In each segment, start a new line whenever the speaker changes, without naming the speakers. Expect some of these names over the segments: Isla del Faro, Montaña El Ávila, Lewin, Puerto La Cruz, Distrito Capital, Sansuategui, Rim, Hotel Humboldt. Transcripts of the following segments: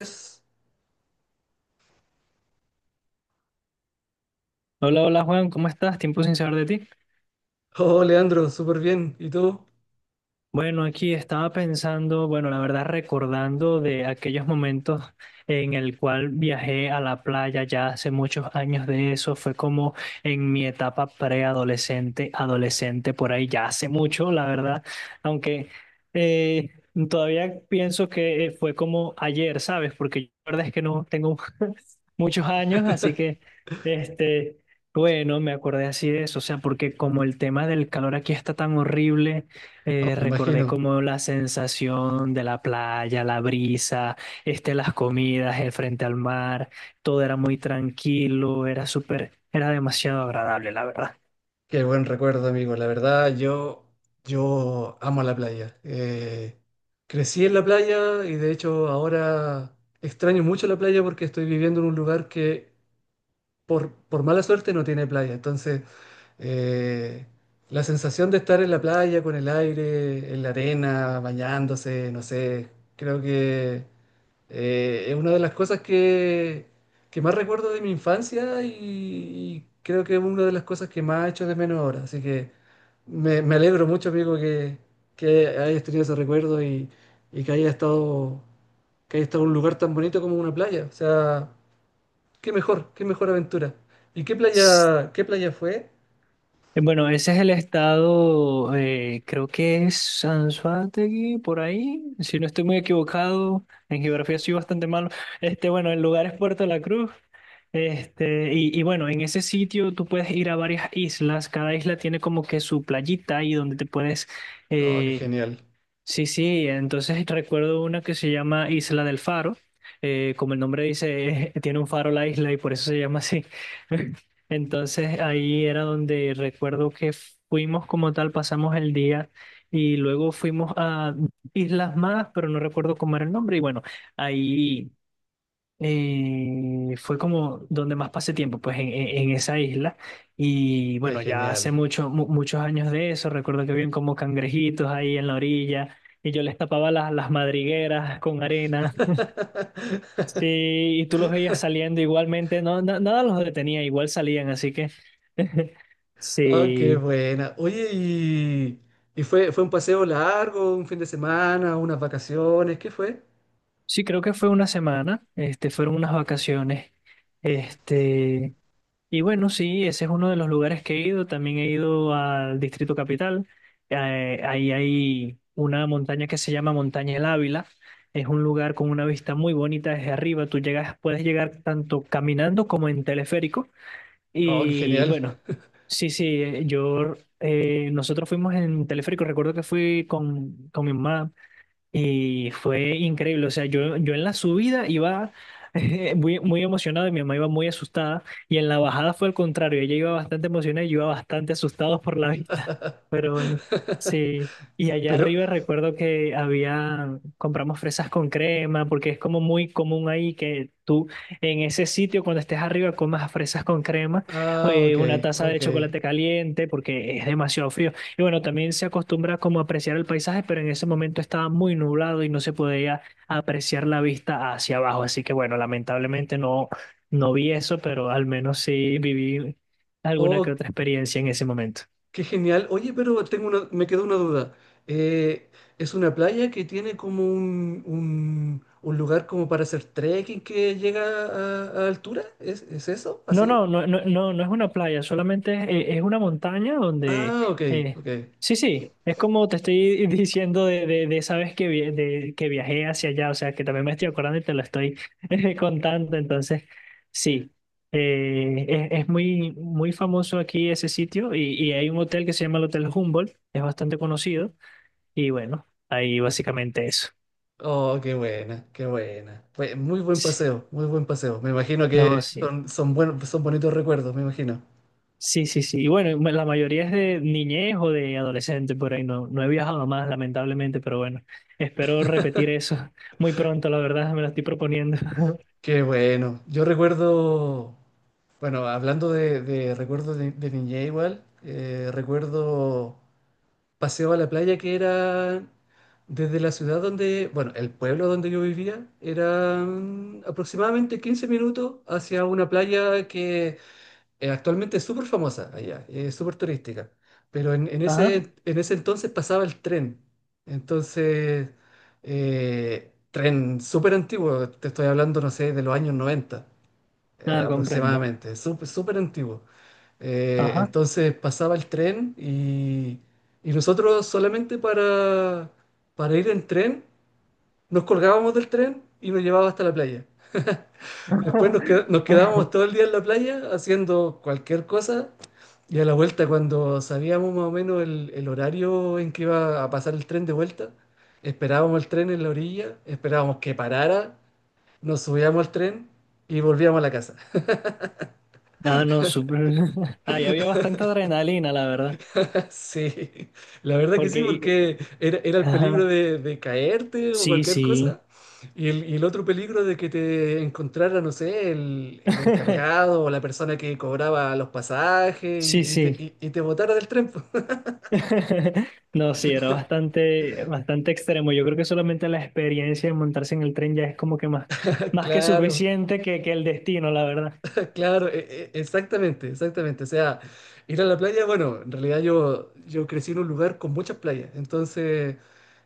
Es-
Hola, hola Juan, ¿cómo estás? Tiempo sin saber de ti.
Oh, Leandro, súper bien. ¿Y tú?
Bueno, aquí estaba pensando, bueno, la verdad recordando de aquellos momentos en el cual viajé a la playa ya hace muchos años de eso, fue como en mi etapa preadolescente, adolescente, por ahí ya hace mucho, la verdad, aunque eh, todavía pienso que fue como ayer, ¿sabes? Porque yo la verdad es que no tengo un muchos años, así que, este, bueno, me acordé así de eso, o sea, porque como el tema del calor aquí está tan horrible,
Oh, me
recordé
imagino.
como la sensación de la playa, la brisa, las comidas, el frente al mar, todo era muy tranquilo, era súper, era demasiado agradable, la verdad.
Qué buen recuerdo, amigo. La verdad, yo amo la playa. Crecí en la playa y de hecho ahora extraño mucho la playa porque estoy viviendo en un lugar que por mala suerte no tiene playa. Entonces, eh, la sensación de estar en la playa con el aire, en la arena, bañándose, no sé, creo que... es una de las cosas que más recuerdo de mi infancia y creo que es una de las cosas que más echo de menos ahora. Así que me alegro mucho, amigo, que hayas tenido ese recuerdo y que haya estado en un lugar tan bonito como una playa. O sea, qué mejor aventura. ¿Y qué playa fue?
Bueno, ese es el estado, creo que es Sansuategui, por ahí, si no estoy muy equivocado, en geografía soy bastante malo. Este, bueno, el lugar es Puerto La Cruz. Este, y bueno, en ese sitio tú puedes ir a varias islas, cada isla tiene como que su playita y donde te puedes
Oh, qué
eh,
genial,
sí, sí, entonces recuerdo una que se llama Isla del Faro, como el nombre dice, tiene un faro la isla y por eso se llama así. Entonces ahí era donde recuerdo que fuimos como tal, pasamos el día y luego fuimos a islas más, pero no recuerdo cómo era el nombre. Y bueno, ahí fue como donde más pasé tiempo, pues en esa isla. Y
qué
bueno, ya hace
genial.
mucho, muchos años de eso, recuerdo que habían como cangrejitos ahí en la orilla y yo les tapaba las madrigueras con arena. Sí, y tú los veías saliendo igualmente, no, nada los detenía, igual salían, así que
Oh, qué
sí,
buena. Oye, y fue, fue un paseo largo, un fin de semana, unas vacaciones, ¿qué fue?
sí, creo que fue una semana, este, fueron unas vacaciones, este... Y bueno, sí, ese es uno de los lugares que he ido. También he ido al Distrito Capital. Ahí hay una montaña que se llama Montaña El Ávila. Es un lugar con una vista muy bonita desde arriba. Tú llegas, puedes llegar tanto caminando como en teleférico.
Oh, qué
Y
genial.
bueno, sí, sí, nosotros fuimos en teleférico. Recuerdo que fui con mi mamá y fue increíble, o sea, yo en la subida iba muy, muy emocionado y mi mamá iba muy asustada y en la bajada fue al contrario, ella iba bastante emocionada y yo iba bastante asustado por la vista, pero bueno, sí. Y allá
Pero,
arriba recuerdo que había, compramos fresas con crema, porque es como muy común ahí que tú en ese sitio cuando estés arriba comas fresas con crema,
ah, ok,
una taza de
ok.
chocolate caliente, porque es demasiado frío. Y bueno, también se acostumbra como a apreciar el paisaje, pero en ese momento estaba muy nublado y no se podía apreciar la vista hacia abajo. Así que bueno, lamentablemente no, no vi eso, pero al menos sí viví alguna que
Oh,
otra experiencia en ese momento.
qué genial. Oye, pero tengo una, me quedó una duda. Eh, es una playa que tiene como un lugar como para hacer trekking que llega a altura. Es eso?
No,
¿Así?
no, no, no, no, no es una playa, solamente es una montaña donde...
Ah, ok,
eh,
ok.
sí, sí, es como te estoy diciendo de esa vez que, que viajé hacia allá, o sea, que también me estoy acordando y te lo estoy contando, entonces, sí, es muy, muy famoso aquí ese sitio y hay un hotel que se llama el Hotel Humboldt, es bastante conocido y bueno, ahí básicamente eso.
Oh, qué buena, qué buena. Fue muy buen paseo, muy buen paseo. Me imagino que
No, sí.
son, son buenos, son bonitos recuerdos, me imagino.
Sí, sí, sí. Y bueno, la mayoría es de niñez o de adolescente por ahí. No, no he viajado más, lamentablemente, pero bueno, espero repetir eso muy pronto, la verdad, me lo estoy proponiendo.
Qué bueno. Yo recuerdo, bueno, hablando de recuerdos de niñez igual, recuerdo paseo a la playa que era desde la ciudad donde, bueno, el pueblo donde yo vivía, eran aproximadamente 15 minutos hacia una playa que actualmente es súper famosa allá, es súper turística, pero
Ajá,
en ese entonces pasaba el tren. Entonces, tren súper antiguo, te estoy hablando, no sé, de los años 90
nada, comprendo.
aproximadamente, súper súper antiguo.
Ajá.
Entonces pasaba el tren y nosotros solamente para ir en tren nos colgábamos del tren y nos llevaba hasta la playa. Después nos quedábamos todo el día en la playa haciendo cualquier cosa y a la vuelta cuando sabíamos más o menos el horario en que iba a pasar el tren de vuelta, esperábamos el tren en la orilla, esperábamos que parara, nos subíamos al tren y volvíamos a la casa.
Ah, no, súper. Ahí había bastante adrenalina, la verdad.
Sí, la verdad que sí,
Porque,
porque era, era el peligro
ajá,
de caerte o
sí,
cualquier
sí.
cosa, y el otro peligro de que te encontrara, no sé, el encargado o la persona que cobraba los pasajes
Sí,
y te,
sí.
y te botara del tren.
No, sí, era bastante, bastante extremo. Yo creo que solamente la experiencia de montarse en el tren ya es como que más, más que
Claro,
suficiente que el destino, la verdad.
Claro, e- e- exactamente, exactamente. O sea, ir a la playa, bueno, en realidad yo crecí en un lugar con muchas playas, entonces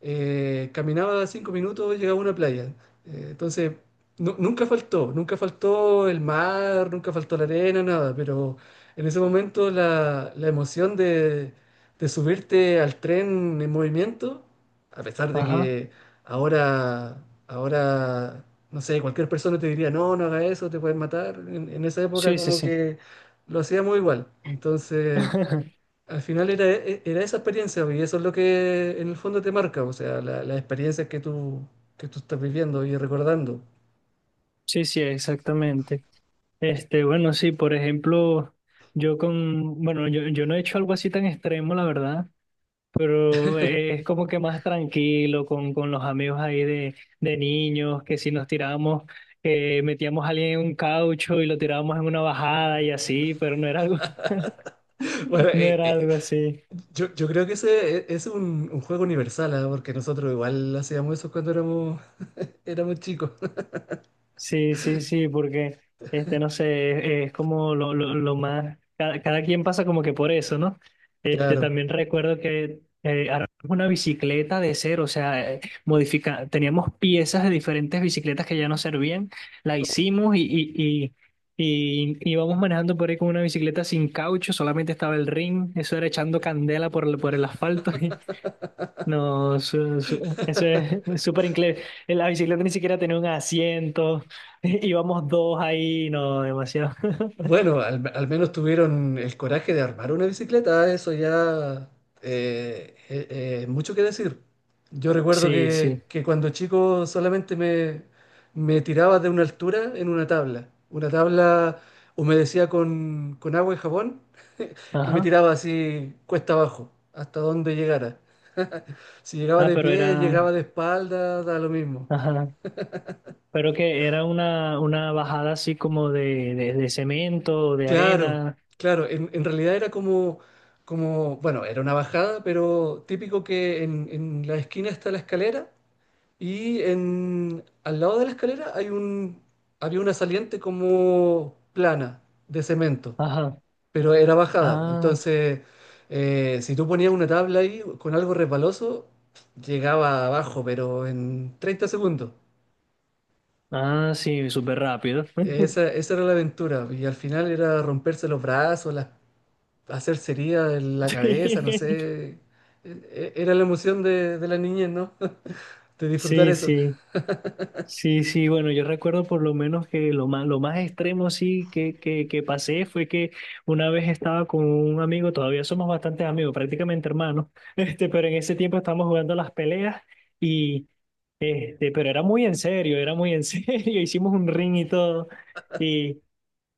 caminaba 5 minutos, llegaba a una playa. Entonces, nu- nunca faltó, nunca faltó el mar, nunca faltó la arena, nada, pero en ese momento la emoción de subirte al tren en movimiento, a pesar de
Ajá.
que ahora, ahora, no sé, cualquier persona te diría, no, no haga eso, te pueden matar. En esa época
Sí, sí,
como
sí.
que lo hacíamos igual. Entonces, al final era, e- era esa experiencia y eso es lo que en el fondo te marca, o sea, la- las experiencias que tú estás viviendo y recordando.
Sí, sí, exactamente. Este, bueno, sí, por ejemplo, yo, yo no he hecho algo así tan extremo, la verdad, pero es como que más tranquilo con los amigos ahí de niños, que si nos tirábamos, metíamos a alguien en un caucho y lo tirábamos en una bajada y así, pero no era algo,
Bueno,
no era algo así.
yo creo que ese e- es un juego universal, ¿ah? Porque nosotros igual hacíamos eso cuando éramos, éramos chicos.
Sí, sí, sí, porque este, no sé, es, como lo más, cada, cada quien pasa como que por eso, ¿no? Este,
Claro.
también recuerdo que armamos una bicicleta de cero, o sea, teníamos piezas de diferentes bicicletas que ya no servían, la hicimos y íbamos manejando por ahí con una bicicleta sin caucho, solamente estaba el ring, eso era echando candela por, por el asfalto. No, eso es súper inglés. En la bicicleta ni siquiera tenía un asiento. Íbamos dos ahí, no, demasiado.
Bueno, al menos tuvieron el coraje de armar una bicicleta, eso ya mucho que decir. Yo recuerdo
Sí, sí.
que cuando chico solamente me tiraba de una altura en una tabla. Una tabla humedecía con agua y jabón y me
Ajá.
tiraba así cuesta abajo, hasta donde llegara. Si llegaba
Ah,
de
pero
pie,
era.
llegaba de espalda, da lo mismo.
Ajá. Pero que era una bajada así como de cemento, de
Claro,
arena.
claro. En realidad era como, como, bueno, era una bajada, pero típico que en la esquina está la escalera y en, al lado de la escalera hay un, había una saliente como plana de cemento,
Ajá.
pero era bajada.
Ah,
Entonces, si tú ponías una tabla ahí con algo resbaloso, llegaba abajo, pero en 30 segundos.
ah, sí, súper rápido.
Esa, esa era la aventura y al final era romperse los brazos, las hacer cería en la cabeza, no sé. E- e- Era la emoción de la niñez, ¿no? De disfrutar
Sí,
eso.
sí. Sí, sí, bueno, yo recuerdo por lo menos que lo más extremo sí que, que pasé fue que una vez estaba con un amigo, todavía somos bastantes amigos, prácticamente hermanos, este, pero en ese tiempo estábamos jugando las peleas y, este, pero era muy en serio, era muy en serio, hicimos un ring y todo,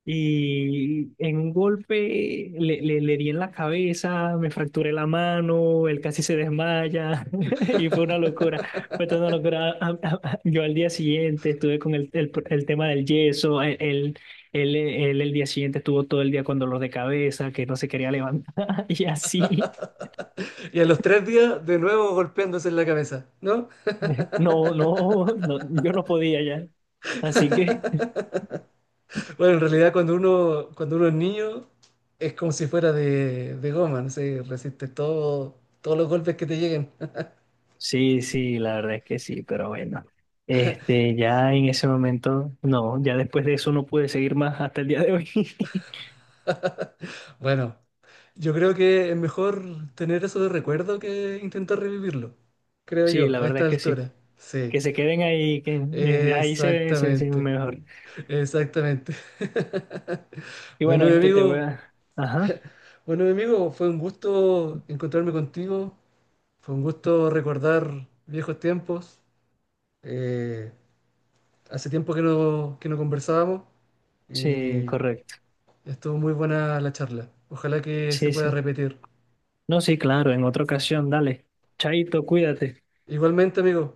y en un golpe le di en la cabeza, me fracturé la mano, él casi se desmaya y fue una locura. Fue toda una locura. Yo al día siguiente estuve con el, el tema del yeso, él, él el día siguiente estuvo todo el día con dolor de cabeza, que no se quería levantar y así.
Y a los 3 días, de nuevo golpeándose en la cabeza, ¿no?
No, no, no, yo no podía ya. Así que...
Bueno, en realidad cuando uno es niño, es como si fuera de goma, no sé, resiste todo, todos los golpes que te lleguen.
Sí, sí, la verdad es que sí, pero bueno, este, ya en ese momento, no, ya después de eso no pude seguir más hasta el día de hoy.
Bueno, yo creo que es mejor tener eso de recuerdo que intentar revivirlo, creo
Sí,
yo,
la
a
verdad
esta
es que sí,
altura. Sí,
que se queden ahí, que ahí se ve, se ve
exactamente,
mejor.
exactamente.
Y
Bueno,
bueno,
mi
este te voy
amigo.
a, ajá,
Bueno, mi amigo, fue un gusto encontrarme contigo, fue un gusto recordar viejos tiempos. Eh, hace tiempo que no conversábamos
sí,
y
correcto,
estuvo muy buena la charla. Ojalá que se
sí,
pueda
sí,
repetir.
no, sí, claro, en otra ocasión, dale, chaito, cuídate.
Igualmente, amigo,